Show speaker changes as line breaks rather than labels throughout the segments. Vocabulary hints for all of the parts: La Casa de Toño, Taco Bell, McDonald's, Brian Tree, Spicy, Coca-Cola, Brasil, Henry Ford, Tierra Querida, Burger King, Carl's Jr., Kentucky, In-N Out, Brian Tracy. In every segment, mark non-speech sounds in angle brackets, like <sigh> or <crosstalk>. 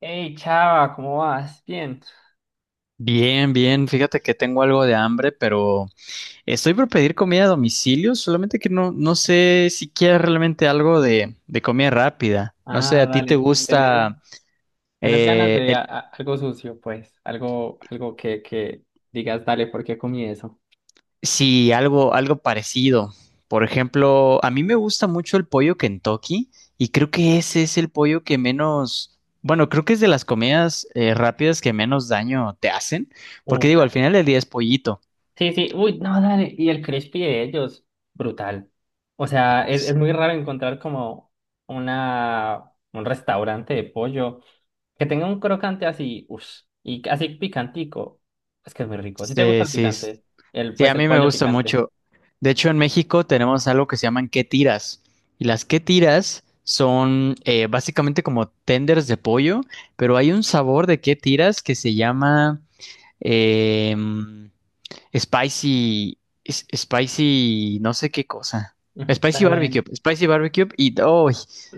Hey, Chava, ¿cómo vas? Bien.
Bien, bien. Fíjate que tengo algo de hambre, pero estoy por pedir comida a domicilio, solamente que no sé si quieres realmente algo de comida rápida. No sé,
Ah,
¿a ti te
dale. ¿Tenés,
gusta
tenés ganas
eh,
de
el-
algo sucio, pues? Algo, algo que digas, dale, ¿por qué comí eso?
sí, algo parecido? Por ejemplo, a mí me gusta mucho el pollo Kentucky y creo que ese es el pollo que menos, bueno, creo que es de las comidas rápidas que menos daño te hacen, porque
Mm,
digo, al
dale.
final del día es pollito.
Sí, sí, uy, no, dale. Y el crispy de ellos, brutal. O sea, es muy raro encontrar como una, un restaurante de pollo que tenga un crocante así, uff, y así picantico. Es que es muy rico. Si te gusta
Sí,
el
sí.
picante,
Sí,
pues
a
el
mí me
pollo
gusta
picante.
mucho. De hecho, en México tenemos algo que se llaman ¿qué tiras? Y las ¿qué tiras? Son básicamente como tenders de pollo, pero hay un sabor de ¿qué tiras? Que se llama... em, spicy, spicy, no sé qué cosa.
Ujú, dale.
Spicy barbecue y ¡ay!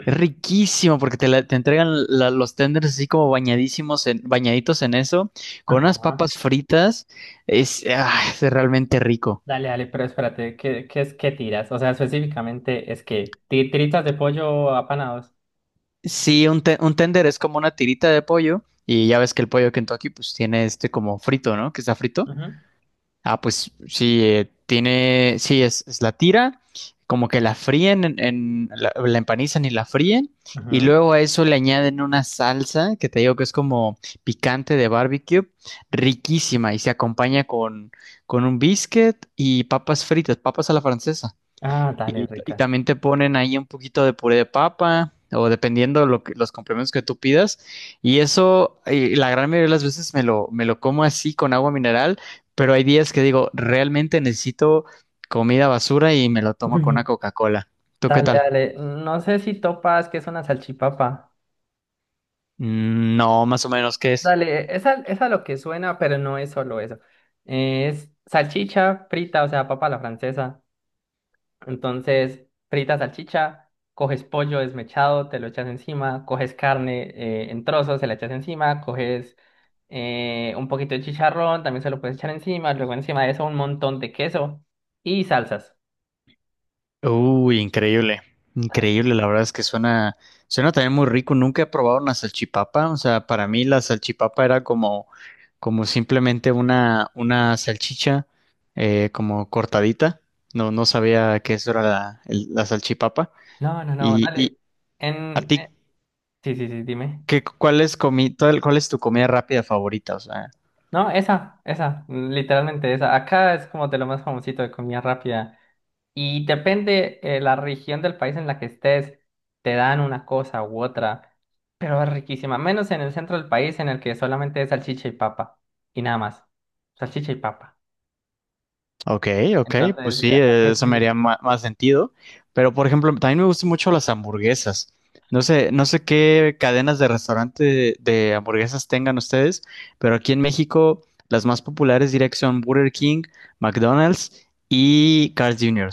Es riquísimo porque te entregan los tenders así como bañadísimos bañaditos en eso, con unas papas
Ajá.
fritas, es realmente rico.
Dale, dale, pero espérate, ¿qué es que tiras? O sea, específicamente es que tiritas de pollo apanados.
Sí, un tender es como una tirita de pollo y ya ves que el pollo Kentucky pues tiene este como frito, ¿no? Que está frito.
Ujú,
Ah, pues sí, sí, es la tira, como que la fríen, la empanizan y la fríen, y
ujú.
luego a eso le añaden una salsa que te digo que es como picante de barbecue, riquísima, y se acompaña con un biscuit y papas fritas, papas a la francesa.
Ah, dale,
Y
rica.
también te ponen ahí un poquito de puré de papa o dependiendo los complementos que tú pidas. Y eso, la gran mayoría de las veces me lo como así con agua mineral, pero hay días que digo, realmente necesito comida basura y me lo tomo con una
<laughs>
Coca-Cola. ¿Tú qué
Dale,
tal?
dale. No sé si topas que es una salchipapa.
Mm, no, más o menos, ¿qué es?
Dale, esa es a lo que suena, pero no es solo eso. Es salchicha frita, o sea, papa a la francesa. Entonces, fritas salchicha, coges pollo desmechado, te lo echas encima, coges carne en trozos, se la echas encima, coges un poquito de chicharrón, también se lo puedes echar encima, luego encima de eso un montón de queso y salsas.
Uy, increíble,
Dale.
increíble, la verdad es que suena también muy rico, nunca he probado una salchipapa, o sea, para mí la salchipapa era como simplemente una salchicha como cortadita, no sabía que eso era la salchipapa,
No, no, no,
¿Y
dale.
a
En, eh,
ti,
sí, sí, sí, dime.
¿qué, cuál es comi, cuál es tu comida rápida favorita? O sea,
No, esa, literalmente esa. Acá es como de lo más famosito de comida rápida. Y depende la región del país en la que estés, te dan una cosa u otra, pero es riquísima, menos en el centro del país en el que solamente es salchicha y papa, y nada más, salchicha y papa.
ok, ok, pues
Entonces,
sí,
así es
eso me
muy...
haría más sentido. Pero, por ejemplo, también me gustan mucho las hamburguesas. No sé qué cadenas de restaurante de hamburguesas tengan ustedes, pero aquí en México las más populares diría que son Burger King, McDonald's y Carl's Jr.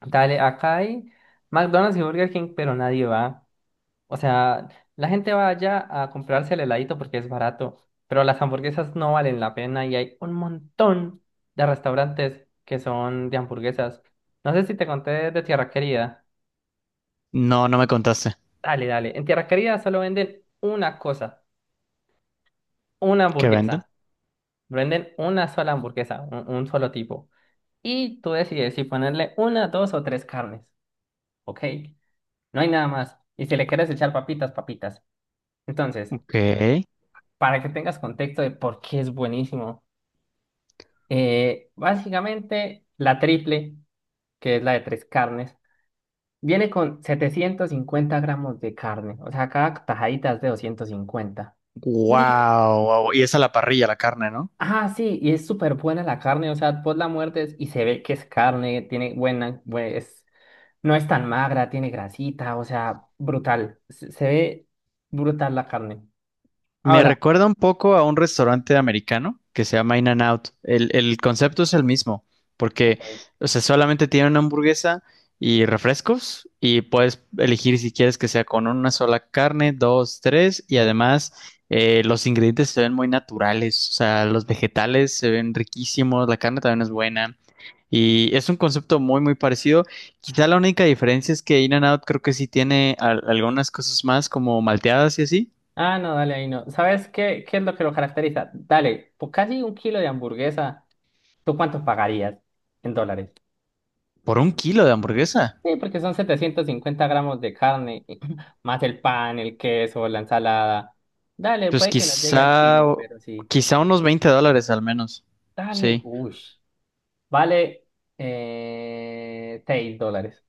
Dale, acá hay McDonald's y Burger King, pero nadie va. O sea, la gente va allá a comprarse el heladito porque es barato, pero las hamburguesas no valen la pena y hay un montón de restaurantes que son de hamburguesas. No sé si te conté de Tierra Querida.
No me contaste.
Dale, dale. En Tierra Querida solo venden una cosa, una
¿Qué venden?
hamburguesa. Venden una sola hamburguesa, un solo tipo. Y tú decides si ponerle una, dos o tres carnes. ¿Ok? No hay nada más. Y si le quieres echar papitas, papitas. Entonces,
Ok.
para que tengas contexto de por qué es buenísimo, básicamente la triple, que es la de tres carnes, viene con 750 gramos de carne. O sea, cada tajadita es de 250. Y
Wow, wow. Y es a la parrilla la carne, ¿no?
ah, sí, y es súper buena la carne, o sea, vos la muertes y se ve que es carne, tiene buena, pues, no es tan magra, tiene grasita, o sea, brutal, se ve brutal la carne.
Me
Ahora,
recuerda un poco a un restaurante americano que se llama In-N Out. El concepto es el mismo, porque,
ok,
o sea, solamente tiene una hamburguesa y refrescos y puedes elegir si quieres que sea con una sola carne, dos, tres y
eso.
además los ingredientes se ven muy naturales, o sea, los vegetales se ven riquísimos, la carne también es buena y es un concepto muy, muy parecido. Quizá la única diferencia es que In-N Out creo que sí tiene algunas cosas más como malteadas y así.
Ah, no, dale, ahí no. ¿Sabes qué, qué es lo que lo caracteriza? Dale, por casi un kilo de hamburguesa, ¿tú cuánto pagarías en dólares?
¿Por un kilo de hamburguesa?
Sí, porque son 750 gramos de carne, <clears throat> <laughs> más el pan, el queso, la ensalada. Dale,
Pues
puede que no llegue al
quizá,
kilo, pero sí.
quizá unos $20 al menos.
Dale,
Sí.
uy. Vale 6 dólares.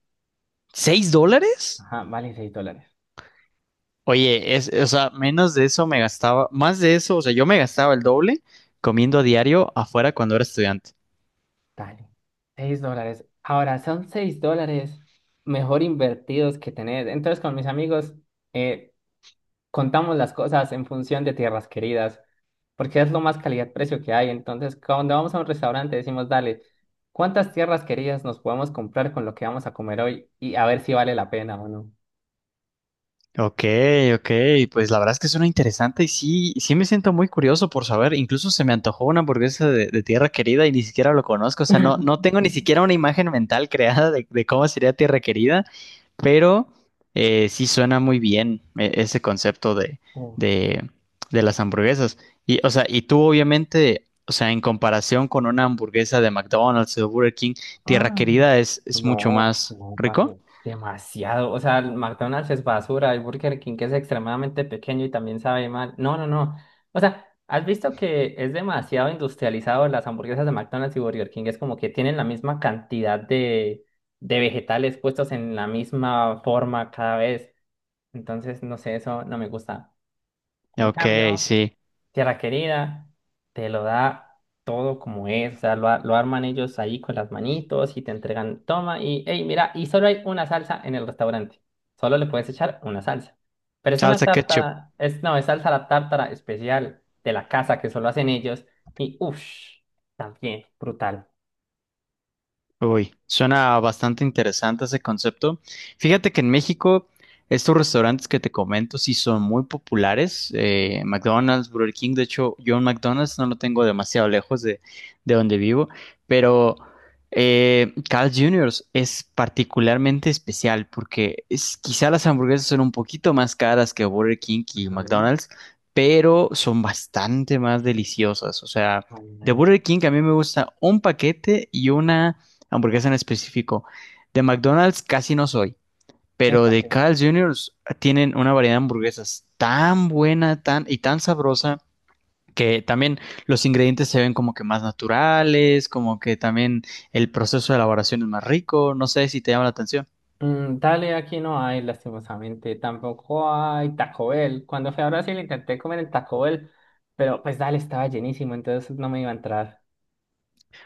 ¿$6?
Ajá, vale 6 dólares.
Oye, o sea, menos de eso me gastaba, más de eso, o sea, yo me gastaba el doble comiendo a diario afuera cuando era estudiante.
Dale, 6 dólares. Ahora, son 6 dólares mejor invertidos que tener. Entonces, con mis amigos, eh, contamos las cosas en función de tierras queridas, porque es lo más calidad-precio que hay. Entonces, cuando vamos a un restaurante, decimos, dale, ¿cuántas tierras queridas nos podemos comprar con lo que vamos a comer hoy? Y a ver si vale la pena o no.
Ok, ok, pues la verdad es que suena interesante y sí, sí me siento muy curioso por saber, incluso se me antojó una hamburguesa de Tierra Querida y ni siquiera lo conozco, o sea, no
<laughs>
tengo ni siquiera una imagen mental creada de cómo sería Tierra Querida, pero sí suena muy bien ese concepto de, de las hamburguesas. Y, o sea, y tú obviamente, o sea, en comparación con una hamburguesa de McDonald's o de Burger King, Tierra
Ah,
Querida es mucho
no,
más
no, parce,
rico.
demasiado. O sea, el McDonald's es basura, el Burger King que es extremadamente pequeño y también sabe mal. No, no, no. O sea, ¿has visto que es demasiado industrializado las hamburguesas de McDonald's y Burger King? Es como que tienen la misma cantidad de vegetales puestos en la misma forma cada vez. Entonces, no sé, eso no me gusta. En
Ok,
cambio,
sí,
Tierra Querida te lo da todo como es, o sea, lo arman ellos ahí con las manitos y te entregan, toma y, hey, mira, y solo hay una salsa en el restaurante, solo le puedes echar una salsa, pero es una
salsa ketchup.
tártara, es, no, es salsa la tártara especial de la casa que solo hacen ellos y, uff, también, brutal.
Uy, suena bastante interesante ese concepto. Fíjate que en México estos restaurantes que te comento sí son muy populares. McDonald's, Burger King, de hecho yo en McDonald's no lo tengo demasiado lejos de donde vivo, pero Carl Jr. es particularmente especial porque quizá las hamburguesas son un poquito más caras que Burger King y
Ajá.
McDonald's, pero son bastante más deliciosas. O sea,
Ay,
de
man.
Burger King a mí me gusta un paquete y una hamburguesa en específico. De McDonald's casi no soy, pero
Epa,
de Carl Jr. tienen una variedad de hamburguesas tan buena, tan y tan sabrosa que también los ingredientes se ven como que más naturales, como que también el proceso de elaboración es más rico, no sé si te llama la atención.
mm, dale, aquí no hay, lastimosamente. Tampoco hay Taco Bell. Cuando fui a Brasil intenté comer el Taco Bell, pero pues dale, estaba llenísimo, entonces no me iba a entrar.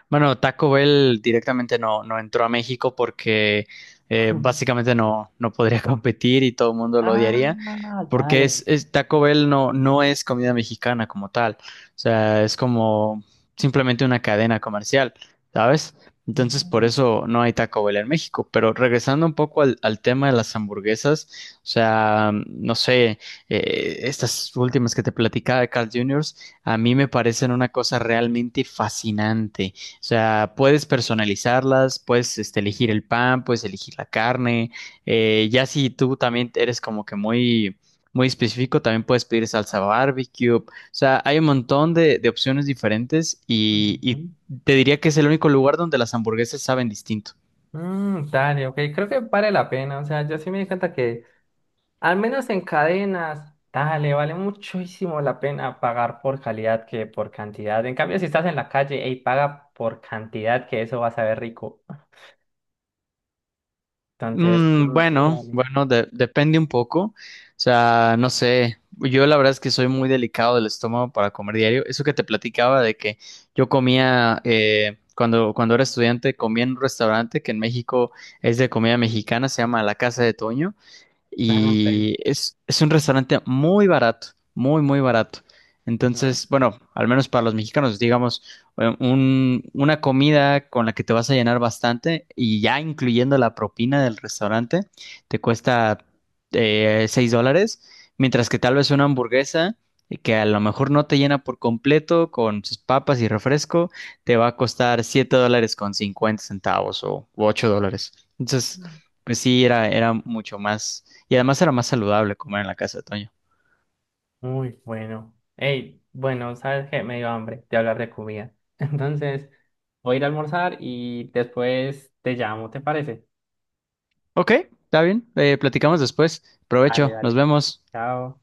Bueno, Taco Bell directamente no entró a México porque
<laughs>
básicamente no podría <laughs> competir y todo el mundo lo odiaría,
Ah,
porque
dale.
Taco Bell no es comida mexicana como tal, o sea, es como simplemente una cadena comercial, ¿sabes? Entonces por
Mm,
eso no hay Taco Bell en México, pero regresando un poco al tema de las hamburguesas, o sea, no sé, estas últimas que te platicaba de Carl Jr., a mí me parecen una cosa realmente fascinante. O sea, puedes personalizarlas, puedes este, elegir el pan, puedes elegir la carne. Ya si tú también eres como que muy, muy específico, también puedes pedir salsa barbecue. O sea, hay un montón de opciones diferentes y,
ujú.
y te diría que es el único lugar donde las hamburguesas saben distinto.
Mm, dale, ok, creo que vale la pena, o sea, yo sí me di cuenta que al menos en cadenas, dale, vale muchísimo la pena pagar por calidad que por cantidad. En cambio, si estás en la calle, ey, paga por cantidad que eso va a saber rico. Entonces,
Mm,
mm, sí,
bueno,
dale.
bueno, depende un poco. O sea, no sé. Yo la verdad es que soy muy delicado del estómago para comer diario. Eso que te platicaba de que yo comía, cuando era estudiante, comía en un restaurante que en México es de comida mexicana, se llama La Casa de Toño
Ah, ok.
y es un restaurante muy barato, muy, muy barato.
Ujú.
Entonces, bueno, al menos para los mexicanos, digamos, una comida con la que te vas a llenar bastante y ya incluyendo la propina del restaurante, te cuesta $6, mientras que tal vez una hamburguesa que a lo mejor no te llena por completo con sus papas y refresco, te va a costar $7.50 o u $8. Entonces, pues sí, era mucho más y además era más saludable comer en la casa de Toño.
Muy bueno. Hey, bueno, ¿sabes qué? Me dio hambre de hablar de comida. <laughs> Entonces, voy a ir a almorzar y después te llamo, ¿te parece?
Ok, está bien. Platicamos después.
Dale,
Provecho, nos
dale.
vemos.
Chao.